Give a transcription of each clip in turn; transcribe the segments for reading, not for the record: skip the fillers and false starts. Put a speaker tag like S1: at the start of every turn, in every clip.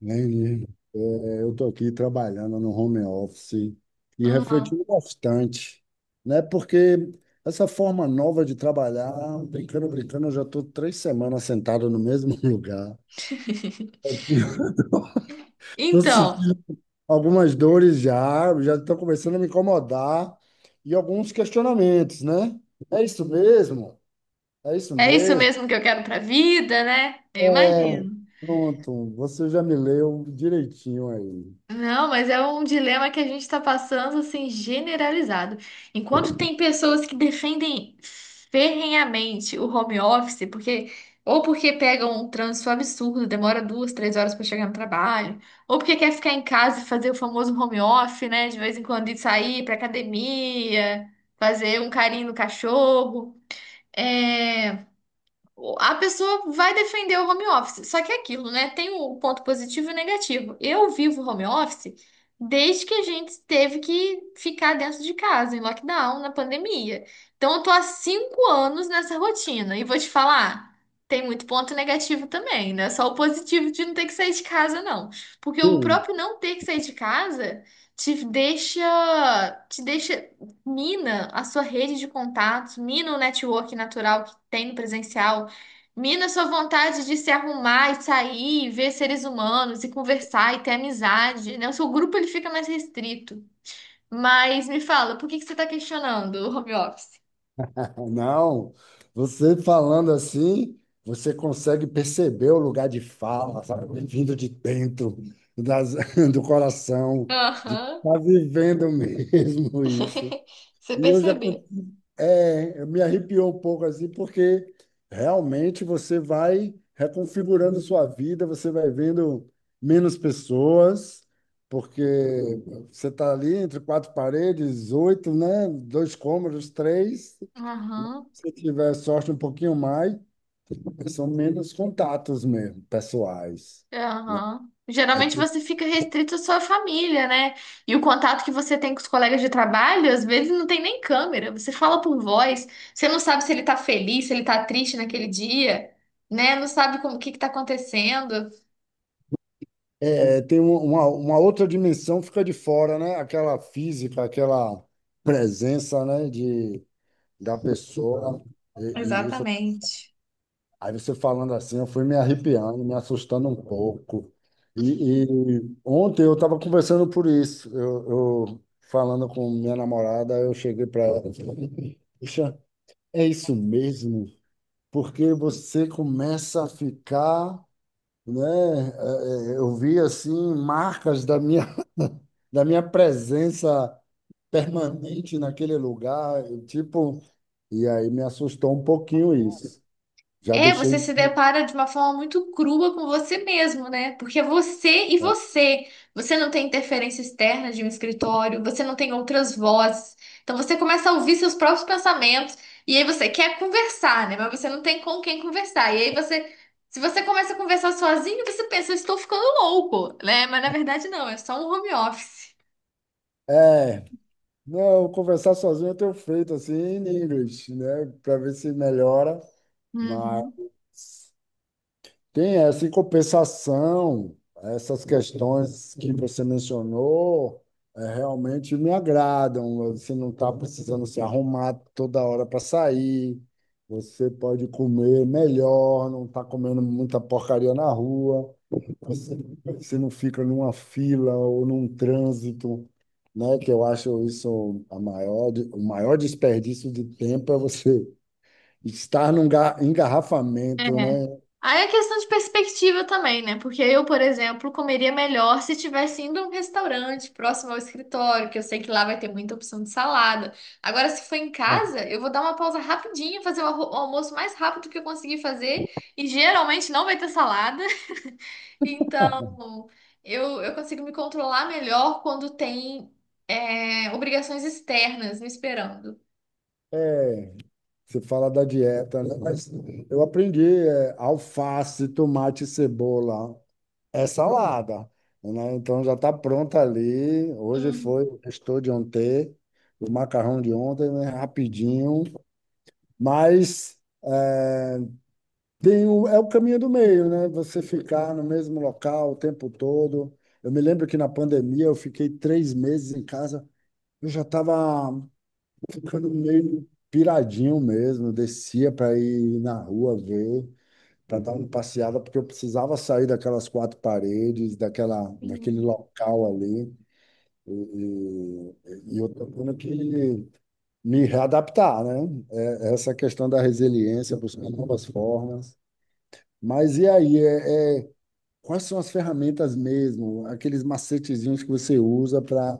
S1: Entendi. É, eu estou aqui trabalhando no home office e
S2: Ah.
S1: refletindo bastante, né? Porque essa forma nova de trabalhar, brincando, brincando, eu já estou 3 semanas sentado no mesmo lugar. Estou
S2: Então,
S1: sentindo algumas dores já, já estão começando a me incomodar e alguns questionamentos, né? É isso mesmo? É isso
S2: é isso
S1: mesmo?
S2: mesmo que eu quero pra vida, né? Eu
S1: É,
S2: imagino.
S1: pronto, você já me leu direitinho aí.
S2: Não, mas é um dilema que a gente está passando assim generalizado. Enquanto tem pessoas que defendem ferrenhamente o home office, porque ou porque pegam um trânsito absurdo, demora duas, 3 horas para chegar no trabalho, ou porque quer ficar em casa e fazer o famoso home office, né? De vez em quando ir sair para academia, fazer um carinho no cachorro. É... a pessoa vai defender o home office. Só que é aquilo, né? Tem o ponto positivo e o negativo. Eu vivo home office desde que a gente teve que ficar dentro de casa, em lockdown, na pandemia. Então, eu tô há 5 anos nessa rotina. E vou te falar, tem muito ponto negativo também, né? Só o positivo de não ter que sair de casa, não. Porque o próprio não ter que sair de casa te deixa, te deixa, mina a sua rede de contatos, mina o network natural que tem no presencial. Mina, sua vontade de se arrumar e sair, e ver seres humanos e conversar e ter amizade, né? O seu grupo ele fica mais restrito. Mas me fala, por que que você está questionando o home office?
S1: Não, você falando assim, você consegue perceber o lugar de fala, sabe? Vindo de dentro, das, do coração, de
S2: Aham.
S1: tá vivendo mesmo isso.
S2: Você
S1: E eu já,
S2: percebeu?
S1: me arrepiou um pouco assim, porque realmente você vai reconfigurando sua vida, você vai vendo menos pessoas, porque você está ali entre quatro paredes, oito, né? Dois cômodos, três.
S2: Aham,
S1: Se tiver sorte um pouquinho mais, são menos contatos mesmo, pessoais, né?
S2: aham.
S1: É,
S2: Geralmente
S1: tu-
S2: você fica restrito à sua família, né? E o contato que você tem com os colegas de trabalho, às vezes não tem nem câmera. Você fala por voz, você não sabe se ele tá feliz, se ele tá triste naquele dia, né? Não sabe como o que que tá acontecendo.
S1: tem uma outra dimensão fica de fora, né? Aquela física, aquela presença, né? Da pessoa. E isso,
S2: Exatamente.
S1: aí você falando assim, eu fui me arrepiando, me assustando um pouco. E, e ontem eu estava conversando por isso. Eu falando com minha namorada, eu cheguei para ela. Puxa, é isso mesmo? Porque você começa a ficar, né? Eu vi assim marcas da minha, da minha presença permanente naquele lugar, eu, tipo, e aí me assustou um pouquinho isso. Já
S2: É,
S1: deixei
S2: você se
S1: de.
S2: depara de uma forma muito crua com você mesmo, né? Porque é você e você. Você não tem interferência externa de um escritório, você não tem outras vozes. Então você começa a ouvir seus próprios pensamentos e aí você quer conversar, né? Mas você não tem com quem conversar. E aí se você começa a conversar sozinho, você pensa, eu estou ficando louco, né? Mas na verdade não, é só um home office.
S1: É, não, conversar sozinho eu tenho feito assim em inglês, né? Para ver se melhora, mas
S2: Uhum.
S1: tem essa em compensação, essas questões que você mencionou realmente me agradam. Você não está precisando se arrumar toda hora para sair, você pode comer melhor, não está comendo muita porcaria na rua, você, você não fica numa fila ou num trânsito, né? Que eu acho isso a maior, de- o maior desperdício de tempo é você estar num
S2: É.
S1: engarrafamento, né?
S2: Aí é questão de perspectiva também, né? Porque eu, por exemplo, comeria melhor se tivesse indo a um restaurante próximo ao escritório, que eu sei que lá vai ter muita opção de salada. Agora, se for em casa, eu vou dar uma pausa rapidinha, fazer o o almoço mais rápido que eu conseguir fazer, e geralmente não vai ter salada. Então, eu consigo me controlar melhor quando tem, obrigações externas me esperando.
S1: É, você fala da dieta, né? Mas eu aprendi alface, tomate, cebola. É salada, né? Então já está pronta ali. Hoje foi
S2: Uhum.
S1: o estou de ontem, o macarrão de ontem, né? Rapidinho. Mas é, é o caminho do meio, né? Você ficar no mesmo local o tempo todo. Eu me lembro que na pandemia eu fiquei 3 meses em casa. Eu já estava ficando meio piradinho mesmo. Descia para ir na rua ver, para dar uma passeada, porque eu precisava sair daquelas quatro paredes, daquela, daquele
S2: Sim.
S1: local ali, e eu tô tendo que me readaptar, né? É, essa questão da resiliência, buscar novas formas. Mas e aí, quais são as ferramentas mesmo, aqueles macetezinhos que você usa para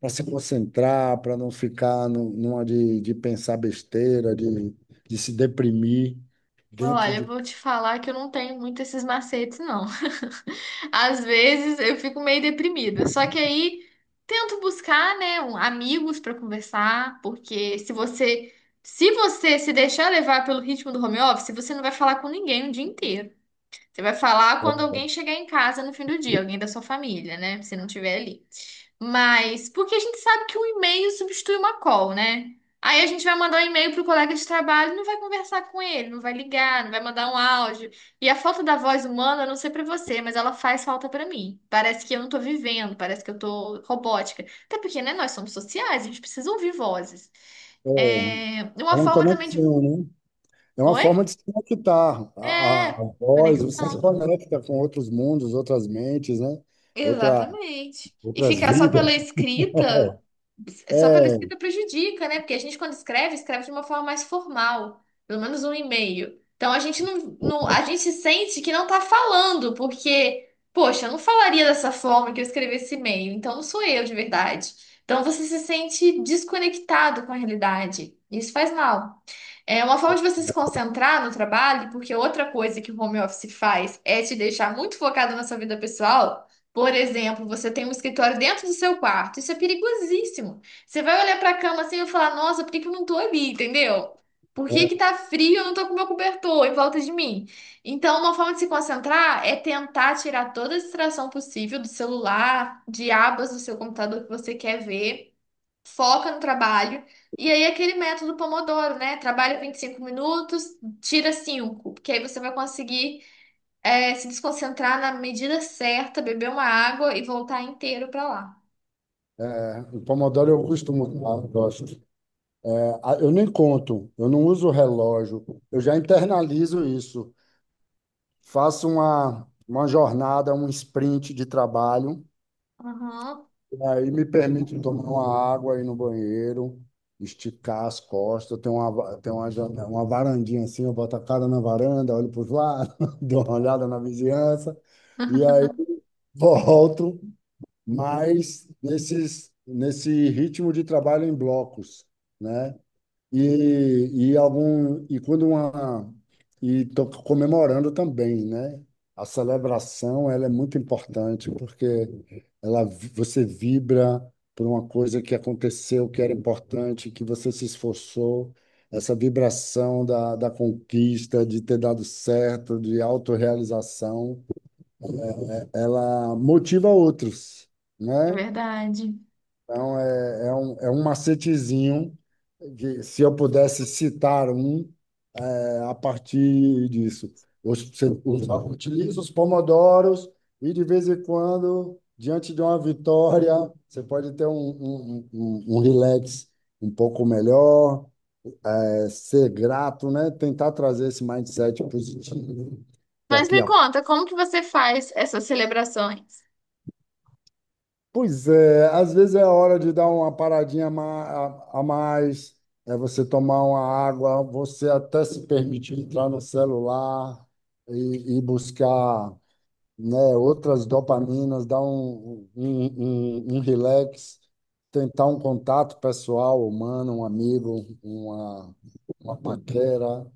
S1: para se concentrar, para não ficar numa de, pensar besteira, de se deprimir dentro
S2: Olha, eu
S1: de...
S2: vou te falar que eu não tenho muito esses macetes, não. Às vezes eu fico meio deprimida. Só que aí tento buscar, né, amigos para conversar, porque se você se deixar levar pelo ritmo do home office, você não vai falar com ninguém o dia inteiro. Você vai falar quando alguém chegar em casa no fim do dia, alguém da sua família, né? Se não tiver ali. Mas, porque a gente sabe que um e-mail substitui uma call, né? Aí a gente vai mandar um e-mail pro colega de trabalho, e não vai conversar com ele, não vai ligar, não vai mandar um áudio. E a falta da voz humana, eu não sei pra você, mas ela faz falta pra mim. Parece que eu não tô vivendo, parece que eu tô robótica. Até porque, né, nós somos sociais, a gente precisa ouvir vozes.
S1: É, é
S2: É uma
S1: uma
S2: forma também de.
S1: conexão, né? É uma
S2: Oi?
S1: forma de se conectar. A, a,
S2: É,
S1: a voz, você se
S2: conexão.
S1: conecta com outros mundos, outras mentes, né? Outra,
S2: Exatamente. E
S1: outras
S2: ficar só pela
S1: vidas.
S2: escrita. Só pela
S1: É,
S2: escrita prejudica, né? Porque a gente, quando escreve, escreve de uma forma mais formal, pelo menos um e-mail. Então a gente a gente sente que não tá falando, porque, poxa, eu não falaria dessa forma que eu escrevi esse e-mail, então não sou eu de verdade. Então você se sente desconectado com a realidade. Isso faz mal. É uma forma de você se concentrar no trabalho, porque outra coisa que o home office faz é te deixar muito focado na sua vida pessoal. Por exemplo, você tem um escritório dentro do seu quarto. Isso é perigosíssimo. Você vai olhar para a cama assim e falar: Nossa, por que que eu não tô ali? Entendeu? Por que que
S1: é,
S2: tá frio? E eu não tô com meu cobertor em volta de mim. Então, uma forma de se concentrar é tentar tirar toda a distração possível do celular, de abas do seu computador que você quer ver, foca no trabalho. E aí, aquele método Pomodoro, né? Trabalha 25 minutos, tira 5 porque aí você vai conseguir se desconcentrar na medida certa, beber uma água e voltar inteiro para lá.
S1: o Pomodoro eu costumo usar, eu gosto. É, eu nem conto, eu não uso relógio, eu já internalizo isso. Faço uma jornada, um sprint de trabalho.
S2: Aham.
S1: Aí me permite tomar uma água aí no banheiro, esticar as costas, tem uma varandinha assim, eu boto a cara na varanda, olho para os lados, dou uma olhada na vizinhança, e aí volto, mas nesse ritmo de trabalho em blocos, né? E algum e quando uma e tô comemorando também, né? A celebração, ela é muito importante porque ela você vibra por uma coisa que aconteceu, que era importante, que você se esforçou. Essa vibração da, da conquista, de ter dado certo, de autorrealização, ela motiva outros,
S2: É
S1: né?
S2: verdade.
S1: Então é um macetezinho que se eu pudesse citar um a partir disso. Hoje você utiliza os pomodoros e, de vez em quando, diante de uma vitória, você pode ter um relax um pouco melhor, é, ser grato, né? Tentar trazer esse mindset positivo para
S2: Mas
S1: que
S2: me
S1: a...
S2: conta, como que você faz essas celebrações?
S1: Pois é, às vezes é hora de dar uma paradinha a mais, é você tomar uma água, você até se permitir entrar no celular e buscar, né? Outras dopaminas, dar um relax, tentar um contato pessoal, humano, um amigo, uma paquera,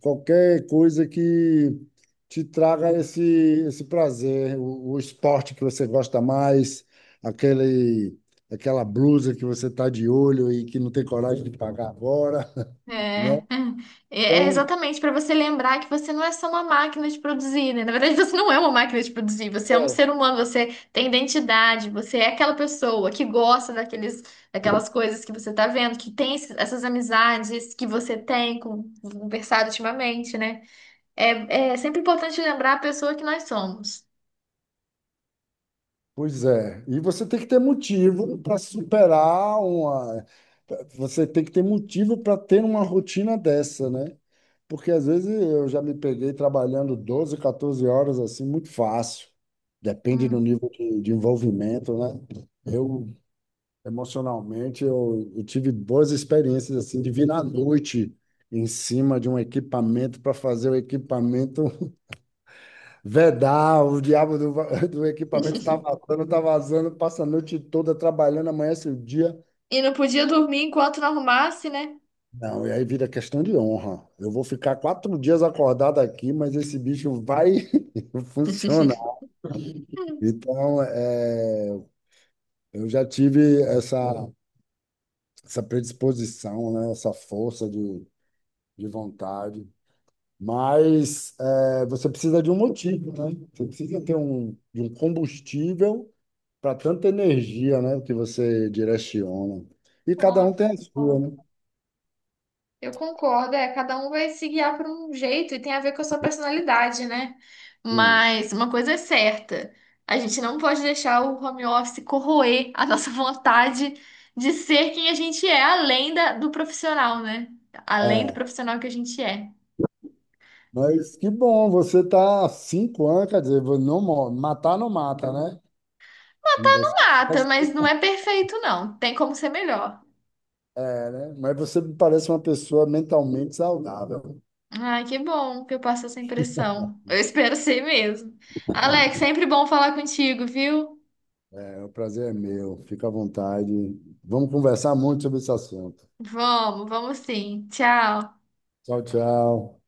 S1: qualquer coisa que te traga esse, prazer, o esporte que você gosta mais, aquele, aquela blusa que você está de olho e que não tem coragem de pagar agora,
S2: É,
S1: né?
S2: é é,
S1: Então,
S2: exatamente para você lembrar que você não é só uma máquina de produzir, né? Na verdade, você não é uma máquina de produzir, você é um
S1: é,
S2: ser humano, você tem identidade, você é aquela pessoa que gosta daqueles, daquelas coisas que você tá vendo, que tem essas amizades que você tem com, conversado ultimamente, né? É, é sempre importante lembrar a pessoa que nós somos.
S1: pois é. E você tem que ter motivo para superar uma. Você tem que ter motivo para ter uma rotina dessa, né? Porque às vezes eu já me peguei trabalhando 12, 14 horas assim, muito fácil. Depende do
S2: Hum.
S1: nível de envolvimento, né? Eu, emocionalmente, eu tive boas experiências assim, de vir à noite em cima de um equipamento para fazer o equipamento vedar, o diabo do equipamento está vazando, tá vazando, passa a noite toda trabalhando, amanhece o dia.
S2: E não podia dormir enquanto não arrumasse, né?
S1: Não, e aí vira questão de honra. Eu vou ficar 4 dias acordado aqui, mas esse bicho vai funcionar.
S2: Hum.
S1: Então, é, eu já tive essa predisposição, né, essa força de vontade. Mas é, você precisa de um motivo, né? Você precisa ter um, de um combustível para tanta energia, né, que você direciona. E
S2: Ó,
S1: cada um tem a
S2: ó.
S1: sua, né?
S2: Eu concordo, é, cada um vai se guiar por um jeito e tem a ver com a sua personalidade, né?
S1: Hum.
S2: Mas uma coisa é certa, a gente não pode deixar o home office corroer a nossa vontade de ser quem a gente é, além do profissional, né? Além do
S1: É,
S2: profissional que a gente é.
S1: mas que bom, você tá há 5 anos, quer dizer, não, matar não mata, né? E você,
S2: Mata, mas não é perfeito, não. Tem como ser melhor.
S1: é, né? Mas você me parece uma pessoa mentalmente saudável.
S2: Ai, que bom que eu passo essa impressão. Eu espero ser mesmo. Alex, sempre bom falar contigo, viu?
S1: É, o prazer é meu, fica à vontade. Vamos conversar muito sobre esse assunto.
S2: Vamos, sim. Tchau.
S1: Tchau, tchau.